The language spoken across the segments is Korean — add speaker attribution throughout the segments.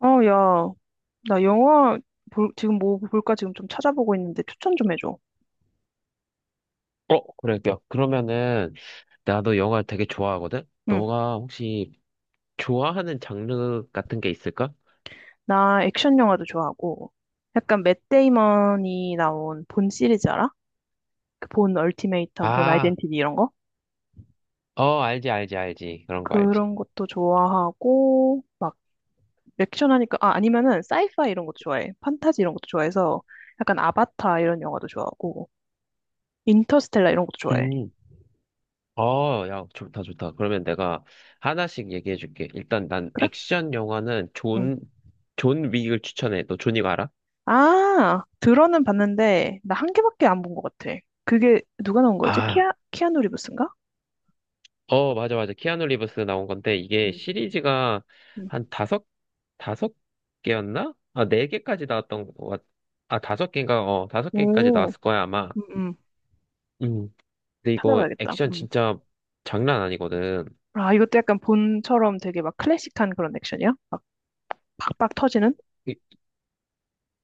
Speaker 1: 어, 야, 나 영화 지금 뭐 볼까 지금 좀 찾아보고 있는데 추천 좀 해줘.
Speaker 2: 어, 그래. 야, 그러면은, 나도 영화 되게 좋아하거든?
Speaker 1: 응,
Speaker 2: 너가 혹시 좋아하는 장르 같은 게 있을까?
Speaker 1: 나 액션 영화도 좋아하고 약간 맷 데이먼이 나온 본 시리즈 알아? 그 본 얼티메이텀, 본
Speaker 2: 아,
Speaker 1: 아이덴티티 이런 거?
Speaker 2: 어, 알지, 알지, 알지. 그런 거 알지.
Speaker 1: 그런 것도 좋아하고 막 액션 하니까 아 아니면은 사이파이 이런 것도 좋아해. 판타지 이런 것도 좋아해서 약간 아바타 이런 영화도 좋아하고 인터스텔라 이런 것도 좋아해.
Speaker 2: 음, 어, 야, 좋다, 좋다. 그러면 내가 하나씩 얘기해 줄게. 일단 난
Speaker 1: 그래?
Speaker 2: 액션 영화는
Speaker 1: 응.
Speaker 2: 존 윅을 추천해. 너 존윅 알아?
Speaker 1: 아, 들어는 봤는데, 나 한 개밖에 안 본 것 같아. 그게 누가 나온 거였지?
Speaker 2: 아,
Speaker 1: 키아누 리브스인가?
Speaker 2: 어, 맞아, 맞아. 키아누 리브스 나온 건데, 이게
Speaker 1: 음.
Speaker 2: 시리즈가
Speaker 1: 음.
Speaker 2: 한 다섯 개였나? 아, 4개까지 나왔던 것 같, 아, 5개인가? 어, 5개까지
Speaker 1: 오,
Speaker 2: 나왔을 거야, 아마.
Speaker 1: 음, 음.
Speaker 2: 음. 근데 이거
Speaker 1: 찾아봐야겠다.
Speaker 2: 액션
Speaker 1: 음.
Speaker 2: 진짜 장난 아니거든.
Speaker 1: 아, 이것도 약간 본처럼 되게 막 클래식한 그런 액션이야? 막 팍팍 터지는?
Speaker 2: 이,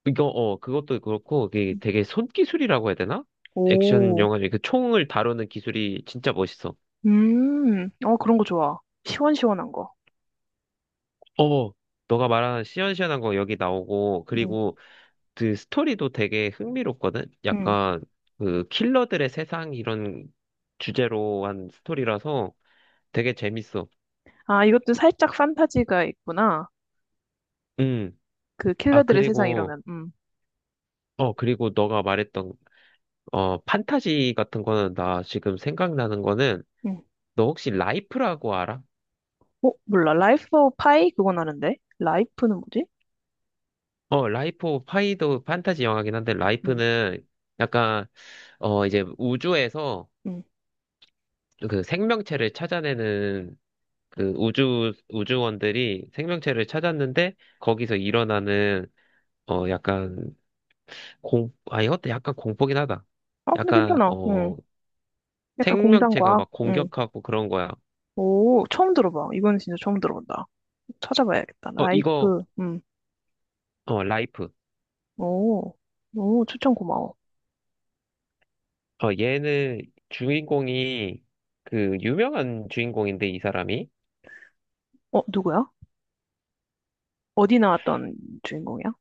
Speaker 2: 이거, 그것도 그렇고, 이게 되게 손기술이라고 해야 되나? 액션
Speaker 1: 오,
Speaker 2: 영화 중에 그 총을 다루는 기술이 진짜 멋있어.
Speaker 1: 어, 그런 거 좋아. 시원시원한 거.
Speaker 2: 어, 너가 말하는 시원시원한 거 여기 나오고,
Speaker 1: 음,
Speaker 2: 그리고 그 스토리도 되게 흥미롭거든?
Speaker 1: 음.
Speaker 2: 약간 그 킬러들의 세상 이런 주제로 한 스토리라서 되게 재밌어.
Speaker 1: 아, 이것도 살짝 판타지가 있구나.
Speaker 2: 음.
Speaker 1: 그
Speaker 2: 아,
Speaker 1: 킬러들의 세상
Speaker 2: 그리고,
Speaker 1: 이러면,
Speaker 2: 어, 그리고 너가 말했던, 판타지 같은 거는 나 지금 생각나는 거는
Speaker 1: 음.
Speaker 2: 너 혹시 라이프라고 알아?
Speaker 1: 어, 몰라. 라이프 오브 파이? 그건 아는데. 라이프는 뭐지?
Speaker 2: 어, 라이프 오브 파이도 판타지 영화긴 한데
Speaker 1: 음,
Speaker 2: 라이프는 약간, 이제 우주에서
Speaker 1: 음.
Speaker 2: 그 생명체를 찾아내는 그 우주원들이 생명체를 찾았는데 거기서 일어나는 약간 공 아 이것도 약간 공포긴 하다.
Speaker 1: 아, 근데
Speaker 2: 약간
Speaker 1: 괜찮아. 음. 약간
Speaker 2: 생명체가
Speaker 1: 공상과학.
Speaker 2: 막
Speaker 1: 응.
Speaker 2: 공격하고 그런 거야.
Speaker 1: 오, 처음 들어봐. 이거는 진짜 처음 들어본다. 찾아봐야겠다.
Speaker 2: 어 이거
Speaker 1: 라이프. 응.
Speaker 2: 어 라이프.
Speaker 1: 오, 오, 추천 고마워.
Speaker 2: 얘는 주인공이 그 유명한 주인공인데 이 사람이
Speaker 1: 어, 누구야? 어디 나왔던 주인공이야?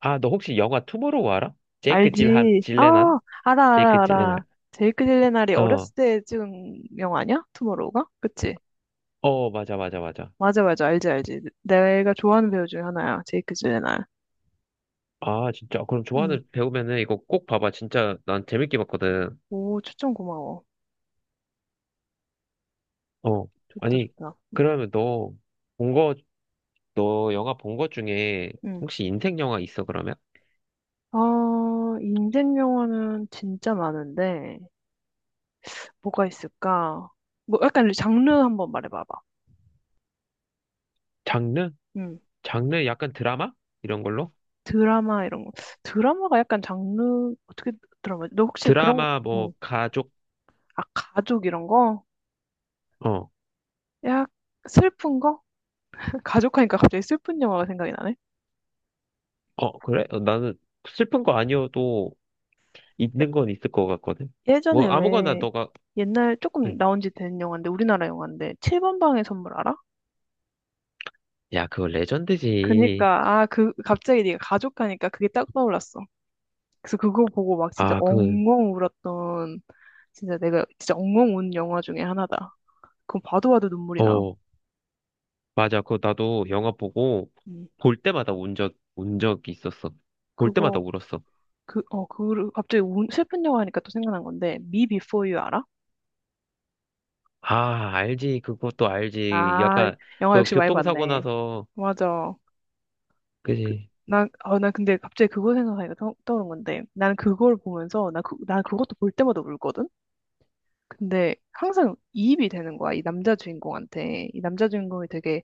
Speaker 2: 너 혹시 영화 투모로우 알아? 제이크 질한
Speaker 1: 알지. 아,
Speaker 2: 질레난?
Speaker 1: 알아, 알아,
Speaker 2: 제이크
Speaker 1: 알아.
Speaker 2: 질레난.
Speaker 1: 제이크 딜레날이
Speaker 2: 어.
Speaker 1: 어렸을 때 찍은 영화 아니야? 투모로우가? 그치?
Speaker 2: 어, 맞아, 맞아, 맞아.
Speaker 1: 맞아, 맞아. 알지, 알지. 내가 좋아하는 배우 중에 하나야. 제이크 딜레날.
Speaker 2: 아, 진짜 그럼
Speaker 1: 응.
Speaker 2: 좋아하는 배우면은 이거 꼭 봐봐. 진짜 난 재밌게 봤거든.
Speaker 1: 오, 추천 고마워.
Speaker 2: 어,
Speaker 1: 좋다,
Speaker 2: 아니,
Speaker 1: 좋다. 응.
Speaker 2: 그러면 너 본 거, 너 영화 본 것 중에
Speaker 1: 응.
Speaker 2: 혹시 인생 영화 있어, 그러면?
Speaker 1: 아, 인생 영화는 진짜 많은데. 뭐가 있을까? 뭐 약간 장르 한번 말해봐봐.
Speaker 2: 장르?
Speaker 1: 음,
Speaker 2: 장르 약간 드라마? 이런 걸로?
Speaker 1: 드라마 이런 거. 드라마가 약간 장르 어떻게 드라마? 너 혹시 그런
Speaker 2: 드라마, 뭐,
Speaker 1: 음,
Speaker 2: 가족,
Speaker 1: 아 가족 이런 거?
Speaker 2: 어,
Speaker 1: 약 슬픈 거? 가족하니까 갑자기 슬픈 영화가 생각이 나네.
Speaker 2: 어, 그래? 어, 나는 슬픈 거 아니어도 있는 건 있을 것 같거든? 뭐,
Speaker 1: 예전에
Speaker 2: 아무거나
Speaker 1: 왜
Speaker 2: 너가,
Speaker 1: 옛날 조금
Speaker 2: 응.
Speaker 1: 나온 지 된 영화인데 우리나라 영화인데 7번 방의 선물 알아?
Speaker 2: 야, 그거 레전드지.
Speaker 1: 그니까 아 그 갑자기 네가 가족하니까 그게 딱 떠올랐어. 그래서 그거 보고 막 진짜
Speaker 2: 아,
Speaker 1: 엉엉 울었던 진짜 내가 진짜 엉엉 운 영화 중에 하나다. 그건 봐도 봐도 눈물이 나.
Speaker 2: 어, 맞아. 그거 나도 영화 보고
Speaker 1: 음.
Speaker 2: 볼 때마다 운 적이 있었어. 볼
Speaker 1: 그거
Speaker 2: 때마다 울었어.
Speaker 1: 그 어 그 갑자기 운, 슬픈 영화 하니까 또 생각난 건데 Me Before You 알아?
Speaker 2: 아, 알지. 그것도 알지.
Speaker 1: 아
Speaker 2: 약간,
Speaker 1: 영화
Speaker 2: 그,
Speaker 1: 역시 많이
Speaker 2: 교통사고
Speaker 1: 봤네.
Speaker 2: 나서,
Speaker 1: 맞아.
Speaker 2: 그지.
Speaker 1: 난어난 근데 갑자기 그거 생각하니까 떠오른 건데 나는 그걸 보면서 나그난 그것도 볼 때마다 울거든. 근데 항상 이입이 되는 거야 이 남자 주인공한테 이 남자 주인공이 되게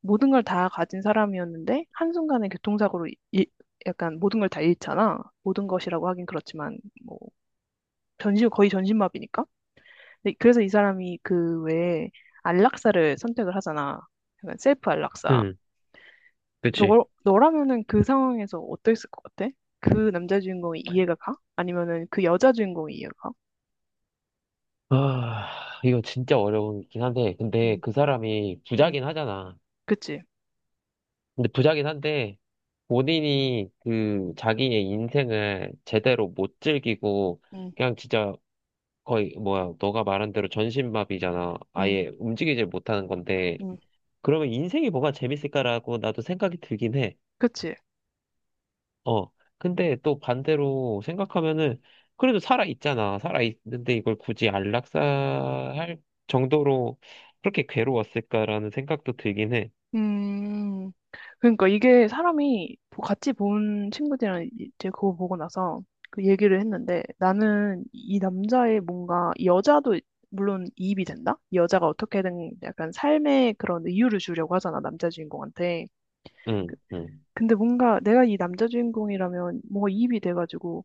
Speaker 1: 모든 걸 다 가진 사람이었는데 한순간에 교통사고로 약간 모든 걸 다 잃잖아. 모든 것이라고 하긴 그렇지만 뭐 전신 거의 전신마비니까. 근데 그래서 이 사람이 그 외에 안락사를 선택을 하잖아. 약간 셀프 안락사.
Speaker 2: 응, 그치.
Speaker 1: 너, 너라면은 그 상황에서 어땠을 것 같아? 그 남자 주인공이 이해가 가? 아니면은 그 여자 주인공이 이해가 가?
Speaker 2: 아, 이거 진짜 어려운긴 한데, 근데
Speaker 1: 응,
Speaker 2: 그 사람이
Speaker 1: 응,
Speaker 2: 부자긴 하잖아.
Speaker 1: 그치.
Speaker 2: 근데 부자긴 한데, 본인이 그, 자기의 인생을 제대로 못 즐기고,
Speaker 1: 응,
Speaker 2: 그냥 진짜 거의, 뭐야, 너가 말한 대로 전신마비잖아.
Speaker 1: 응,
Speaker 2: 아예 움직이질 못하는 건데,
Speaker 1: 응,
Speaker 2: 그러면 인생이 뭐가 재밌을까라고 나도 생각이 들긴 해.
Speaker 1: 그치.
Speaker 2: 어. 근데 또 반대로 생각하면은 그래도 살아 있잖아. 살아 있는데 이걸 굳이 안락사할 정도로 그렇게 괴로웠을까라는 생각도 들긴 해.
Speaker 1: 음, 그러니까 이게 사람이 보- 같이 본 친구들이랑 이제 그거 보고 나서 그 얘기를 했는데 나는 이 남자의 뭔가 이 여자도 물론 이입이 된다? 이 여자가 어떻게든 약간 삶의 그런 이유를 주려고 하잖아, 남자 주인공한테.
Speaker 2: 응,
Speaker 1: 그-
Speaker 2: 응.
Speaker 1: 근데 뭔가 내가 이 남자 주인공이라면 뭔가 이입이 돼가지고,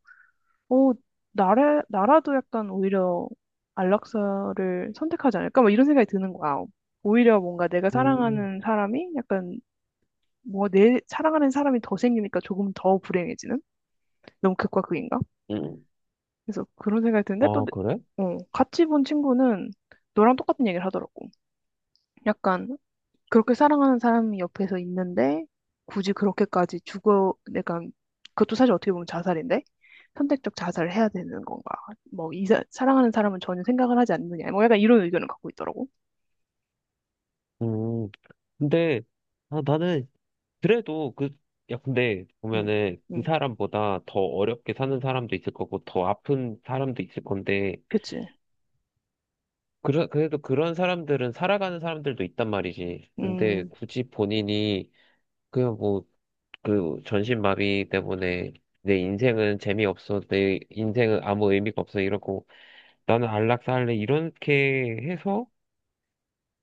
Speaker 1: 어, 나라도 약간 오히려 안락사를 선택하지 않을까? 막 이런 생각이 드는 거야. 오히려 뭔가 내가
Speaker 2: 음,
Speaker 1: 사랑하는 사람이 약간 뭐 내 사랑하는 사람이 더 생기니까 조금 더 불행해지는? 너무 극과 극인가?
Speaker 2: 응.
Speaker 1: 그래서 그런 생각이 드는데 또
Speaker 2: 아,
Speaker 1: 내-
Speaker 2: 그래?
Speaker 1: 어, 같이 본 친구는 너랑 똑같은 얘기를 하더라고. 약간 그렇게 사랑하는 사람이 옆에서 있는데 굳이 그렇게까지 죽어 내가 그것도 사실 어떻게 보면 자살인데 선택적 자살을 해야 되는 건가? 뭐 사랑하는 사람은 전혀 생각을 하지 않느냐? 뭐 약간 이런 의견을 갖고 있더라고.
Speaker 2: 음. 근데 아, 나는 그래도 그, 야, 근데
Speaker 1: 응,
Speaker 2: 보면은 그
Speaker 1: 응,
Speaker 2: 사람보다 더 어렵게 사는 사람도 있을 거고 더 아픈 사람도 있을 건데
Speaker 1: 그치.
Speaker 2: 그래, 그래도 그런 사람들은 살아가는 사람들도 있단 말이지. 근데
Speaker 1: 음,
Speaker 2: 굳이 본인이 그냥 뭐, 그, 전신마비 때문에 내 인생은 재미없어, 내 인생은 아무 의미가 없어, 이러고, 나는 안락사할래, 이렇게 해서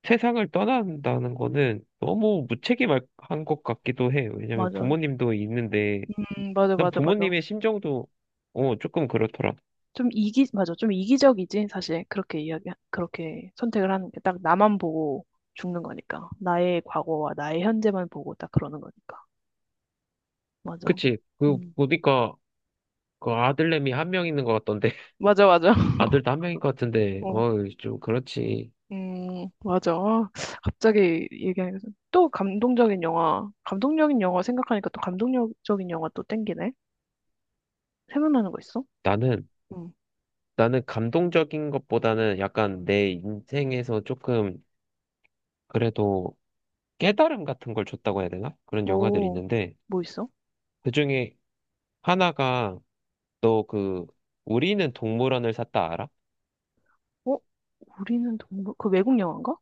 Speaker 2: 세상을 떠난다는 거는 너무 무책임한 것 같기도 해. 왜냐면
Speaker 1: 맞아.
Speaker 2: 부모님도 있는데,
Speaker 1: 맞아,
Speaker 2: 난
Speaker 1: 맞아, 맞아.
Speaker 2: 부모님의 심정도, 조금 그렇더라.
Speaker 1: 맞아. 좀 이기적이지, 사실. 그렇게 선택을 하는 게 딱 나만 보고 죽는 거니까. 나의 과거와 나의 현재만 보고 딱 그러는 거니까. 맞아.
Speaker 2: 그치? 그,
Speaker 1: 음.
Speaker 2: 보니까, 그 아들내미 1명 있는 것 같던데,
Speaker 1: 맞아, 맞아.
Speaker 2: 아들도 1명인 것 같은데,
Speaker 1: 어.
Speaker 2: 좀 그렇지.
Speaker 1: 맞아. 아, 갑자기 얘기하니까 좀- 또 감동적인 영화, 감동적인 영화 생각하니까 또 감동적인 영화 또 땡기네. 생각나는 거 있어?
Speaker 2: 나는,
Speaker 1: 응.
Speaker 2: 나는 감동적인 것보다는 약간 내 인생에서 조금 그래도 깨달음 같은 걸 줬다고 해야 되나? 그런 영화들이
Speaker 1: 오,
Speaker 2: 있는데
Speaker 1: 뭐 있어?
Speaker 2: 그중에 하나가 너 그 우리는 동물원을 샀다 알아?
Speaker 1: 어? 우리는 동물, 그 외국 영화인가?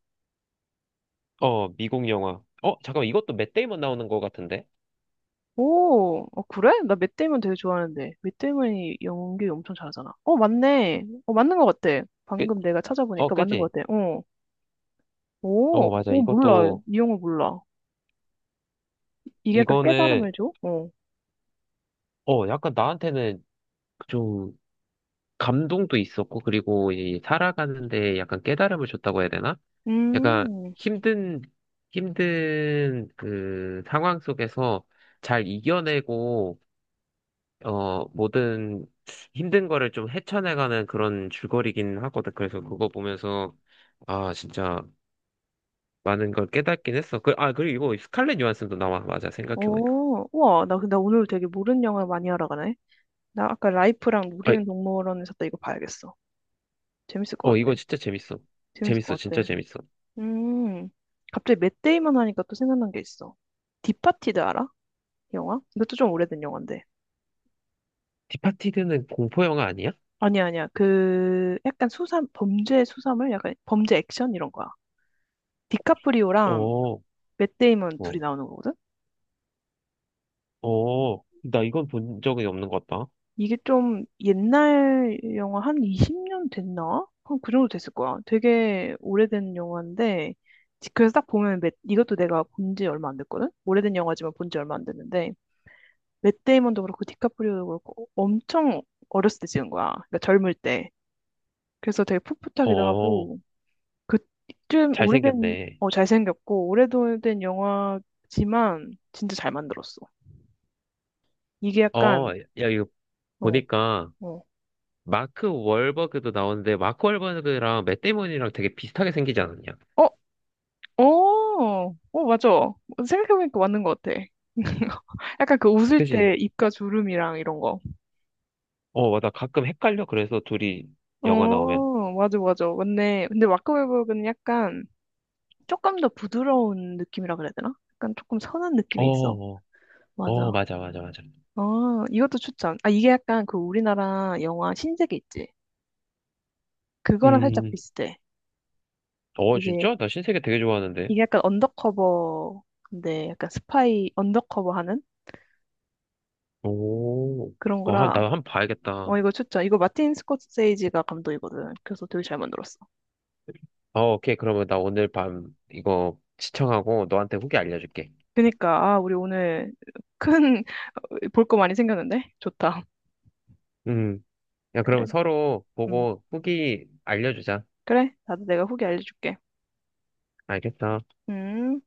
Speaker 2: 어, 미국 영화. 어, 잠깐만 이것도 맷 데이먼 나오는 것 같은데?
Speaker 1: 오, 어, 그래? 나 맷 데이먼 되게 좋아하는데. 맷 데이먼이 연기 엄청 잘하잖아. 어, 맞네. 어, 맞는 것 같아.
Speaker 2: 그,
Speaker 1: 방금 내가 찾아보니까 맞는
Speaker 2: 그지?
Speaker 1: 것 같아. 어. 오,
Speaker 2: 어, 맞아.
Speaker 1: 오, 몰라.
Speaker 2: 이것도
Speaker 1: 이 영화 몰라. 이게 약간
Speaker 2: 이거는
Speaker 1: 깨달음을 줘? 어.
Speaker 2: 약간 나한테는 좀 감동도 있었고 그리고 이 살아가는데 약간 깨달음을 줬다고 해야 되나? 약간
Speaker 1: 음,
Speaker 2: 힘든, 힘든 그 상황 속에서 잘 이겨내고, 모든 힘든 거를 좀 헤쳐나가는 그런 줄거리긴 하거든. 그래서 그거 보면서, 아, 진짜 많은 걸 깨닫긴 했어. 그리고 이거 스칼렛 요한슨도 나와. 맞아, 생각해보니까.
Speaker 1: 오, 우와. 나 근데 오늘 되게 모르는 영화 많이 알아가네. 나 아까 라이프랑
Speaker 2: 아,
Speaker 1: 우리는 동물원에 섰다 이거 봐야겠어. 재밌을 것
Speaker 2: 이거
Speaker 1: 같아.
Speaker 2: 진짜 재밌어.
Speaker 1: 재밌을
Speaker 2: 재밌어,
Speaker 1: 것
Speaker 2: 진짜
Speaker 1: 같아.
Speaker 2: 재밌어.
Speaker 1: 음, 갑자기 맷 데이먼 하니까 또 생각난 게 있어. 디파티드 알아? 영화? 이것도 좀 오래된 영화인데.
Speaker 2: 디파티드는 공포 영화 아니야?
Speaker 1: 아니야, 아니야. 그 약간 수사 범죄 수사물 약간 범죄 액션 이런 거야. 디카프리오랑
Speaker 2: 어,
Speaker 1: 맷 데이먼 둘이
Speaker 2: 어,
Speaker 1: 나오는 거거든.
Speaker 2: 나 이건 본 적이 없는 것 같다.
Speaker 1: 이게 좀 옛날 영화 한 20년 됐나? 한 그 정도 됐을 거야. 되게 오래된 영화인데 지- 그래서 딱 보면 맷, 이것도 내가 본지 얼마 안 됐거든. 오래된 영화지만 본지 얼마 안 됐는데 맷 데이먼도 그렇고 디카프리오도 그렇고 엄청 어렸을 때 찍은 거야. 그러니까 젊을 때. 그래서 되게 풋풋하기도
Speaker 2: 어,
Speaker 1: 하고 그쯤 오래된,
Speaker 2: 잘생겼네.
Speaker 1: 어, 잘생겼고, 오래된 영화지만 진짜 잘 만들었어. 이게
Speaker 2: 어,
Speaker 1: 약간,
Speaker 2: 야, 이거
Speaker 1: 어,
Speaker 2: 보니까
Speaker 1: 어,
Speaker 2: 마크 월버그도 나오는데 마크 월버그랑 맷 데이먼이랑 되게 비슷하게 생기지 않았냐?
Speaker 1: 어, 맞아. 생각해보니까 맞는 것 같아. 약간 그 웃을 때
Speaker 2: 그지?
Speaker 1: 입가 주름이랑 이런 거.
Speaker 2: 어, 맞아. 가끔 헷갈려. 그래서 둘이 영화 나오면.
Speaker 1: 어, 맞아, 맞아. 맞네. 근데 마크웨버그는 약간 조금 더 부드러운 느낌이라 그래야 되나? 약간 조금 선한
Speaker 2: 어,
Speaker 1: 느낌이 있어.
Speaker 2: 어, 어,
Speaker 1: 맞아.
Speaker 2: 맞아, 맞아, 맞아.
Speaker 1: 어, 이것도 추천. 아, 이게 약간 그 우리나라 영화 신세계 있지? 그거랑 살짝
Speaker 2: 음,
Speaker 1: 비슷해.
Speaker 2: 어,
Speaker 1: 이게
Speaker 2: 진짜? 나 신세계 되게 좋아하는데.
Speaker 1: 이게 약간 언더커버 근데 약간 스파이 언더커버 하는
Speaker 2: 오,
Speaker 1: 그런
Speaker 2: 와,
Speaker 1: 거라
Speaker 2: 나 한번 봐야겠다.
Speaker 1: 어 이거 추천 이거 마틴 스코세이지가 감독이거든 그래서 되게 잘 만들었어.
Speaker 2: 어, 오케이. 그러면 나 오늘 밤 이거 시청하고 너한테 후기 알려줄게.
Speaker 1: 그니까 아 우리 오늘 큰 볼 거 많이 생겼는데 좋다.
Speaker 2: 음, 야,
Speaker 1: 그래.
Speaker 2: 그러면 서로
Speaker 1: 음.
Speaker 2: 보고 후기 알려주자.
Speaker 1: 그래 나도 내가 후기 알려줄게.
Speaker 2: 알겠어.
Speaker 1: 음.